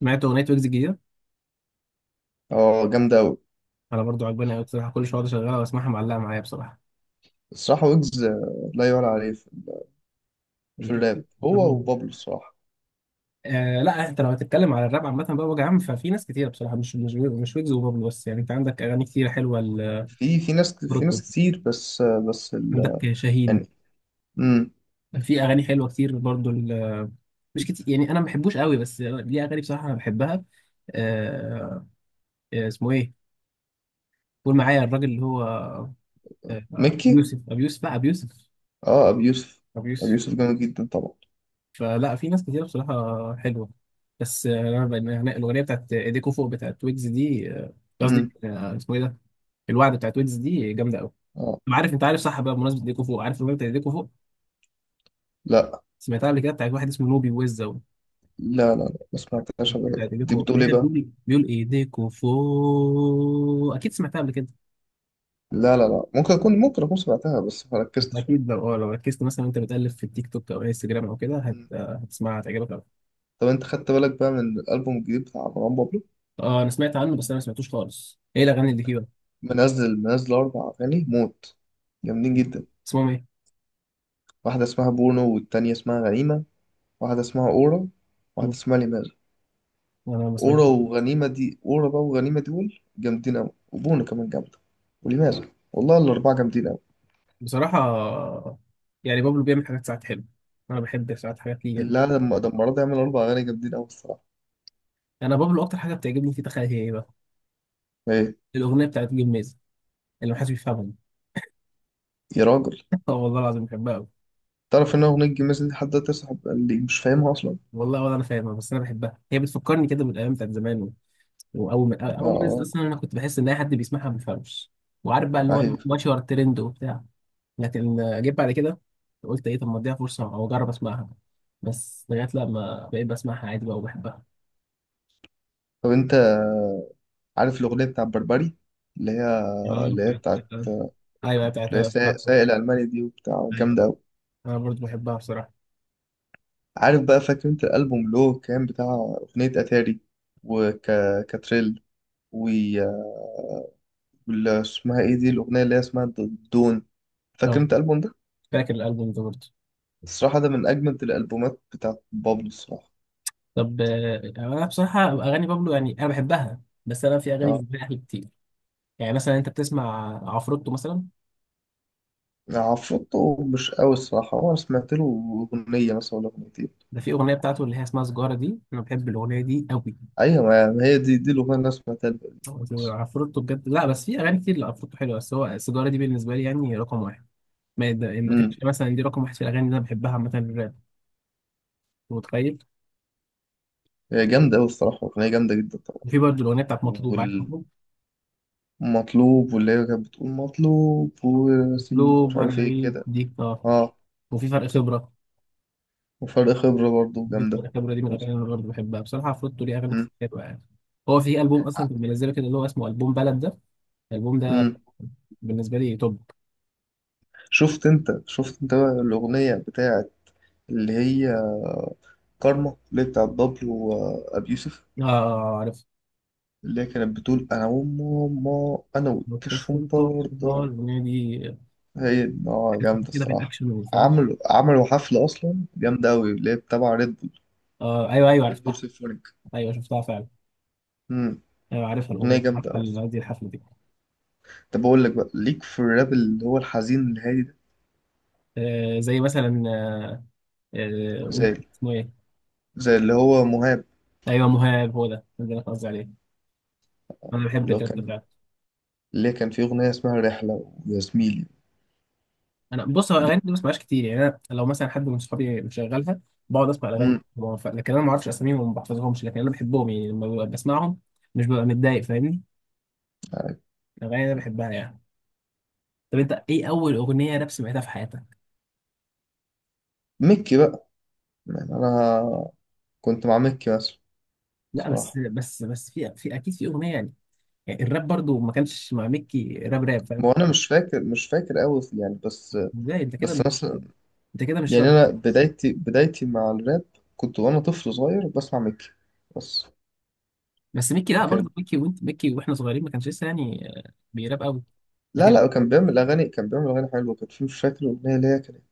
سمعت اغنيه ويجز الجديده. اه، جامدة أوي. انا برضو عجباني قوي بصراحه، كل شويه أقعد اشغلها واسمعها، معلقه معايا بصراحه. الصراحة ويجز لا يعلى عليه في هي في أكيد. الراب، هو تمام. وبابلو الصراحة. آه لا، انت لو هتتكلم على الراب عامه بقى وجه عام، ففي ناس كتير بصراحه مش ويجز وبابلو بس، يعني انت عندك اغاني كتير حلوه. في لبروتو. ناس كتير، بس عندك شاهين، يعني. امم في اغاني حلوه كتير برضو مش كتير، يعني انا ما بحبوش قوي بس ليه اغاني بصراحه انا بحبها. آه. اسمه ايه؟ قول معايا الراجل اللي هو ابو مكي. يوسف. ابو يوسف لا ابو يوسف. اه، أبي يوسف. ابو أبي يوسف. يوسف جامد جدا طبعا. فلا في ناس كتير بصراحة حلوة. بس أنا بقى يعني الأغنية بتاعت إيديكو فوق بتاعت ويجز دي، قصدي امم. اسمه إيه ده؟ الوعد بتاعت ويجز دي جامدة أوي. اه، أنا عارف أنت عارف صح بقى، بمناسبة إيديكو فوق، عارف الأغنية بتاعت إيديكو فوق لا سمعتها قبل كده بتاعت واحد اسمه نوبي ويزا؟ لا لا لا ما سمعتهاش قبل كده. بتاعت إيديكو دي فوق، بتقول هي ايه بقى؟ بيقول إيه؟ بيقول إيديكو فوق، أكيد سمعتها قبل كده. لا لا لا، ممكن أكون سمعتها، بس ما ركزتش. أكيد لو أه لو ركزت مثلا وأنت بتقلب في التيك توك أو انستجرام أو كده هت... مم. آه، هتسمعها، هتعجبك أوي. طب أنت خدت بالك بقى من الألبوم الجديد بتاع مروان بابلو؟ أه أنا سمعت عنه بس أنا ما سمعتوش خالص، إيه الأغاني اللي فيه بقى؟ منزل أربع أغاني موت، جامدين جدا. اسمهم إيه؟ واحدة اسمها بونو، والتانية اسمها غنيمة. واحدة اسمها أورا. واحدة مم. اسمها ليمارا. أنا ما سمعتش. أورا وغنيمة دي، أورا بقى وغنيمة دول جامدين أوي، وبونا كمان جامدة. وليمارا، والله الأربعة جامدين أوي. بصراحة يعني بابلو بيعمل حاجات ساعات حلوة، أنا بحب ساعات حاجات ليه يعني. لا، لما ده المرة دي عمل أربع أغاني جامدين أوي، الصراحة. أنا بابلو أكتر حاجة بتعجبني فيه تخيل هي إيه بقى؟ إيه؟ الأغنية بتاعت جميز اللي محدش بيفهمها. يا راجل! آه والله العظيم بحبها أوي. تعرف إن أغنية جميز دي حد تصاحب اللي مش فاهمها أصلا؟ والله ولا أنا فاهمها بس أنا بحبها، هي بتفكرني كده بالأيام بتاعت زمان وأول ما نزلت آه. أصلا، أنا كنت بحس إن أي حد بيسمعها ما بيفهمش وعارف بقى اللي هو أيوة. ماشي ورا الترند وبتاع. لكن جيت بعد كده قلت إيه، طب ما أديها فرصة أو أجرب أسمعها، بس لغاية لما بقيت بسمعها عادي بقى وبحبها. طب أنت عارف الأغنية بتاع بربري، اللي هي اه اللي هي بتاعت، بتاعت. أيوه بتاعت اللي هي سايق الألماني دي وبتاع؟ جامدة أوي. انا برضو بحبها بصراحه. عارف بقى، فاكر أنت الألبوم اللي هو كان بتاع أغنية أتاري وكاتريل، اسمها ايه دي، الاغنيه اللي هي اسمها دون؟ فاكر اه انت الالبوم ده؟ فاكر الالبوم ده برضو. الصراحه، ده من اجمد الالبومات بتاعت بابلو الصراحه. طب انا بصراحه اغاني بابلو يعني انا بحبها، بس انا في اغاني اه. بالنسبه لي احلى كتير. يعني مثلا انت بتسمع عفروتو مثلا؟ عفروتو مش قوي الصراحه، هو انا سمعت له اغنيه مثلا ولا اغنيتين. ده في اغنيه بتاعته اللي هي اسمها سجاره دي، انا بحب الاغنيه دي قوي. ايوه، ما هي دي الاغنيه اللي انا سمعتها له. بس. عفروتو بجد، لا بس في اغاني كتير لعفروتو حلوه، بس هو سجاره دي بالنسبه لي يعني رقم واحد. ما كانش امم مثلا دي رقم واحد في الاغاني اللي انا بحبها مثلا الراب. أنت متخيل؟ هي جامده قوي الصراحه، اغنيه جامده جدا طبعا. وفي برضو الاغنيه بتاعت مطلوب، عارف مطلوب؟ والمطلوب، واللي هي كانت بتقول مطلوب ورصيد، مطلوب مش وانا عارف ايه غريب كده. دي. اه. اه. وفي فرق خبره. وفرق خبره برضه جامده. الخبرة دي من الأغاني اللي أنا برضه بحبها بصراحة، عفروتو ليه أغاني امم. كتير حلوة يعني. هو في ألبوم أصلا كنت منزله كده اللي هو اسمه ألبوم بلد ده، الألبوم ده امم. بالنسبة لي توب. شفت انت بقى الاغنيه بتاعه، اللي هي كارما، اللي هي بتاعت بابلو وأبي يوسف؟ آه عارف. اللي هي كانت بتقول أنا وماما، أنا والكشف كشكول توب ده برضه. الأغنية دي، هي دي. آه، جامدة كده الصراحة. بالأكشن والفن. عملوا حفلة أصلا جامدة أوي، اللي هي تبع ريد بول. آه أيوه أيوه، ريد بول عرفتها. سيمفونيك. أيوه شفتها فعلا. أمم، أيوه عارفها الأغنية أغنية دي، جامدة عارفة أوي. قصدي الحفلة دي. طب أقول لك بقى، ليك في الراب اللي هو الحزين الهادي ده؟ آه زي مثلا قول زي اسمه إيه. زي اللي هو مهاب. أيوه مهاب، هو ده ده اللي أنا قصدي عليه، أنا بحب اللي هو الراب ده كان فعلا. اللي هي كان فيه أغنية اسمها رحلة ويا زميلي. انا بص، هو الاغاني دي ما بسمعهاش كتير، يعني انا لو مثلا حد من صحابي مشغلها بقعد اسمع الاغاني أمم، دي، هو لكن انا ما اعرفش اساميهم وما بحفظهمش، لكن انا بحبهم يعني لما ببقى بسمعهم، مش ببقى متضايق، فاهمني؟ الاغاني انا بحبها يعني. طب انت ايه اول اغنيه راب سمعتها في حياتك؟ مكي بقى. يعني أنا. كنت مع مكي مثلا. لا بس صراحة. بس بس في اكيد في اغنيه يعني، يعني الراب برضو ما كانش مع ميكي راب راب، فاهم؟ ما هو انا مش فاكر قوي يعني بس. ازاي انت كده بس مش، مثلا. انت كده مش يعني راب؟ انا بدايتي مع الراب. كنت وانا طفل صغير بسمع ميكي. بس. بس ميكي لا، كان. برضو ميكي وانت ميكي واحنا صغيرين ما كانش لسه يعني بيراب قوي. لا لا، كان بيعمل اغاني حلوه. كان في، مش فاكر الاغنيه اللي هي كانت،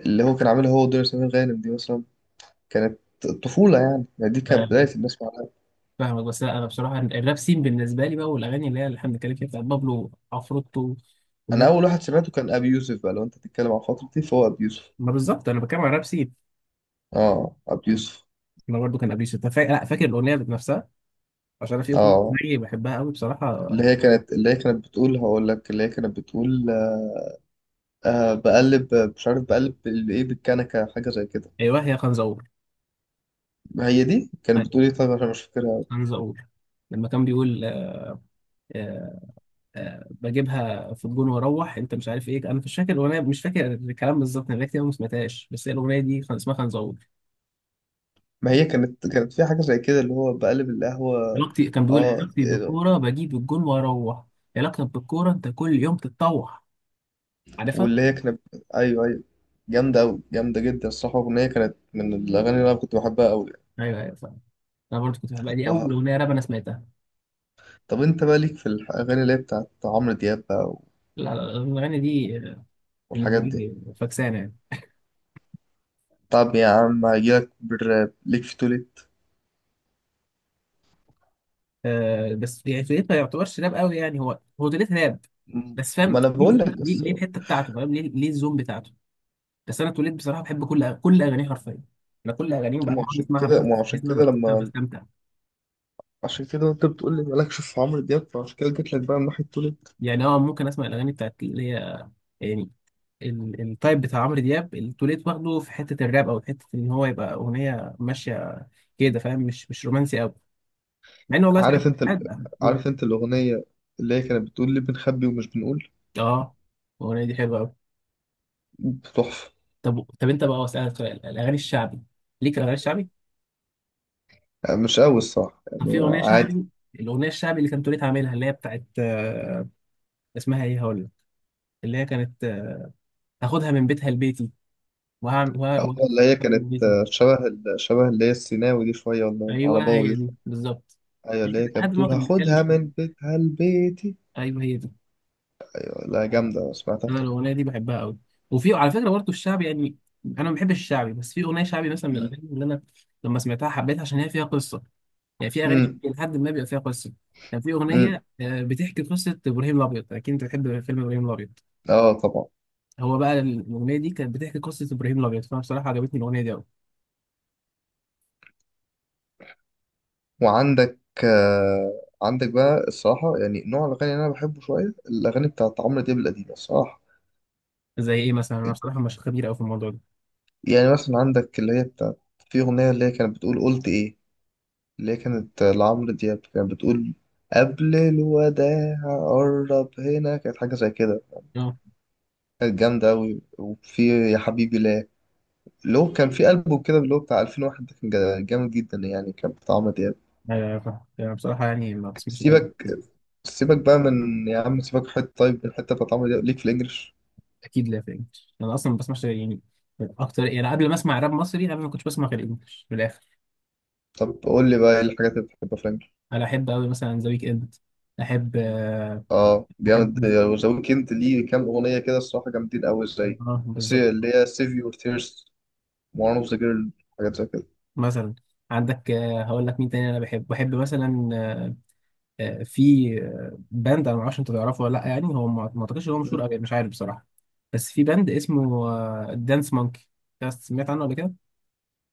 اللي هو كان عاملها هو ودنيا سمير غانم دي مثلا. كانت. طفوله. يعني دي كانت لكن بدايه الناس مع الراب. فاهمك، بس لا، انا بصراحه الراب سين بالنسبه لي بقى، والاغاني اللي هي اللي احنا بنتكلم فيها بتاعت بابلو، عفروتو انا والناس. اول واحد سمعته كان ابي يوسف، بقى لو انت بتتكلم عن فترتي فهو ابي يوسف. ما بالظبط انا بتكلم على راب سين. اه، ابي يوسف. انا برضو كان قبل انت لا فاكر الاغنيه ذات نفسها، عشان انا في اغنيه اه. زيي بحبها قوي بصراحه. اللي هي كانت بتقول، هقول لك، اللي هي كانت بتقول، آه، بقلب، مش عارف، بقلب بايه بالكنكه، حاجه زي كده. ايوه هي خنزقور. ما هي دي كانت بتقول ايوه ايه، طيب، عشان مش فاكرها أوي. خنزقور لما كان بيقول آه، بجيبها في الجون واروح، انت مش عارف ايه، انا مش فاكر الاغنيه، مش فاكر الكلام بالظبط، انا بقالي كتير أوي ما سمعتهاش، بس هي الاغنيه دي كان اسمها خنزقور. ما هي كانت في حاجه زي كده، اللي هو بقلب القهوه. علاقتي، كان بيقول اه، علاقتي إيه ده؟ بالكوره بجيب الجون واروح، علاقتك بالكوره انت كل يوم تتطوح. عارفها. واللي هي كانت. ايوه، ايوه. جامده قوي، جامده جدا الصراحه، الاغنيه كانت من الاغاني اللي انا كنت بحبها قوي. ايوه ايوه فاهم. انا برضه كنت بحبها، دي اول اغنيه راب انا سمعتها. طب انت بقى، ليك في الاغاني اللي هي بتاعت عمرو دياب بقى؟ لا لا، الاغنيه دي بالنسبه والحاجات دي؟ لي فكسانه يعني. طب يا عم، هجيلك بالراب، ليك في توليت؟ أه بس يعني فكرتها ما يعتبرش راب قوي يعني، هو، هو توليت راب م- بس، ما فاهم انا بقول ليه ليه لك ليه بس. ليه الحته بتاعته، فاهم ليه الزوم بتاعته. بس انا توليت بصراحه بحب كل كل اغانيه حرفيا، انا كل اغانيه مو وبعد كل عشان اسمعها كده بحس مو عشان بحس ان انا كده بحس إن أنا لما بستمتع. عشان كده انت بتقول لي مالكش في عمرو دياب، فعشان كده جيت لك بقى من ناحيه تولد. يعني اه ممكن اسمع الاغاني بتاعت اللي هي يعني التايب بتاع عمرو دياب اللي توليت واخده في حته الراب، او حته ان هو يبقى اغنيه ماشيه كده، فاهم؟ مش رومانسي قوي، مع ان والله ساعات عارف انت ساعات بقى بقول عارف انت الاغنيه، اللي هي كانت بتقول لي، بنخبي ومش بنقول؟ اه. الاغنيه دي حلوه قوي. تحفه. طب طب انت بقى، اسالك سؤال، الاغاني الشعبي ليك الاغاني الشعبي؟ يعني مش قوي الصراحه، طب في يعني اغنيه عادي. شعبي، الاغنيه الشعبي اللي كانت تريد عاملها اللي هي بتاعت، اسمها ايه، هقول لك اللي هي كانت هاخدها من بيتها لبيتي، وهعمل أما اللي هي من كانت، بيتي. شبه اللي هي السيناوي دي شويه، ولا ايوه العرباوي هي دي دي شوية. بالظبط، ايوه، يعني اللي هي كده كانت لحد ما هو بتقول كان بيتكلم هاخدها شعبي. من بيتها لبيتي. ايوه هي دي، أيوة، لا جامده سمعتها. انا الاغنيه دي بحبها قوي. وفي على فكره برضه الشعبي يعني، انا ما بحبش الشعبي بس في اغنيه شعبي مثلا من امم. الاغاني اللي انا لما سمعتها حبيتها عشان هي فيها قصه، يعني في اغاني لحد ما بيبقى فيها قصه، كان في امم. اغنيه بتحكي قصه ابراهيم الابيض، اكيد انت بتحب فيلم ابراهيم الابيض، اه، طبعا. هو بقى الاغنيه دي كانت بتحكي قصه ابراهيم الابيض، فانا بصراحه عجبتني الاغنيه دي قوي. وعندك آه، عندك بقى الصراحة، يعني نوع الأغاني اللي أنا بحبه شوية، الأغاني بتاعت عمرو دياب القديمة، الصراحة. زي ايه مثلا، انا بصراحه مش خبير قوي في الموضوع ده. يعني مثلا عندك اللي هي بتاعت. في أغنية اللي هي كانت بتقول، قلت إيه؟ اللي هي كانت لعمرو دياب، كانت بتقول، قبل الوداع، قرب هنا، كانت حاجة زي كده. اه. كانت جامدة أوي، وفي. يا حبيبي لا. اللي هو كان في ألبوم كده، اللي هو بتاع 2001 ده، كان جامد جدا، يعني كان بتاع عمرو دياب. انا بصراحه يعني ما بسمعش راب سيبك كتير. سيبك بقى من، يا عم سيبك حتة، طيب، من الحتة بتاعت عمرو دياب، ليك في الإنجليش؟ اكيد لا فاهم، انا اصلا ما بسمعش يعني اكتر، يعني قبل ما اسمع راب مصري قبل ما كنتش بسمع غير انجلش في الاخر. طب قول لي بقى، ايه الحاجات اللي بتحبها فرانك؟ انا احب قوي مثلا ذا ويك اند. احب اه، جامد. احب ذا ويكند ليه كام اغنيه كده الصراحه، جامدين قوي، زي بالظبط. اللي هي سيف يور تيرز، وان اوف ذا جيرل، حاجات زي كده. مثلا عندك هقول لك مين تاني، انا بحب مثلا في باند، انا ما اعرفش انت تعرفه ولا لا يعني، هو ما اعتقدش ان هو مشهور مم. قوي، مش عارف بصراحه، بس في باند اسمه دانس مونكي. سمعت عنه قبل كده؟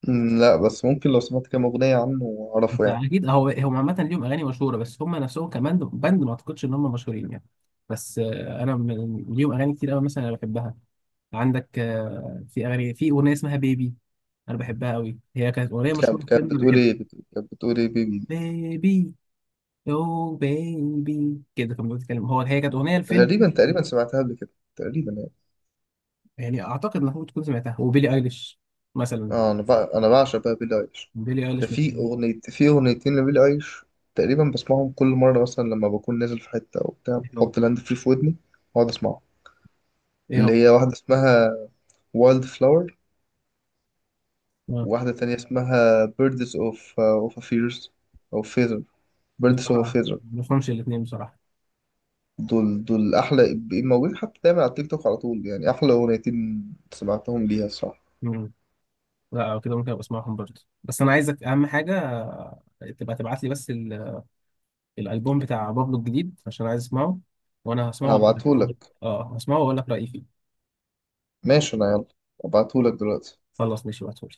مم، لا بس، ممكن لو سمعت كام اغنيه عنه انت اعرفه يعني. اكيد، هو هم عامه ليهم اغاني مشهوره، بس هم نفسهم كمان باند ما اعتقدش ان هم مشهورين يعني. بس انا ليهم اغاني كتير قوي مثلا انا بحبها. عندك في اغاني، في اغنيه اسمها بيبي، انا بحبها قوي، هي كانت اغنيه مشهوره كانت في كانت فيلم بتقول بحب. ايه، كانت بتقول ايه، بيبي؟ بيبي، يو بيبي كده كان بيتكلم، هو هي كانت اغنيه الفيلم، تقريبا سمعتها قبل كده. تقريبا يعني. يعني اعتقد انك ممكن تكون سمعتها. وبيلي ايليش مثلا. اه، انا بقى انا بعشق بقى بيلي ايليش. بيلي ده ايليش من. في اغنيتين لبيلي ايليش. تقريبا بسمعهم كل مره، مثلا لما بكون نازل في حته او بتاع، ايه هو بحط لاند فري في ودني، واقعد اسمعهم. ايه اللي هو هي واحدة اسمها وايلد فلاور، آه. وواحدة تانية اسمها بيردز اوف فيرز، او فيزر. بيردز بصراحه اوف فيزر. ما بفهمش الاثنين بصراحه. دول أحلى موجودين حتى دايما على التيك توك على طول، يعني أحلى أغنيتين سمعتهم ليها الصراحة. مم. لا أو كده، ممكن ابقى اسمعهم برضه، بس انا عايزك اهم حاجه تبقى تبعت لي بس الالبوم بتاع بابلو الجديد عشان عايز اسمعه، وانا هسمعه وأقول هبعتهولك. لك. اه هسمعه واقول لك رايي فيه. ماشي، أنا يلا هبعتهولك دلوقتي. خلاص ماشي، بعتهولي.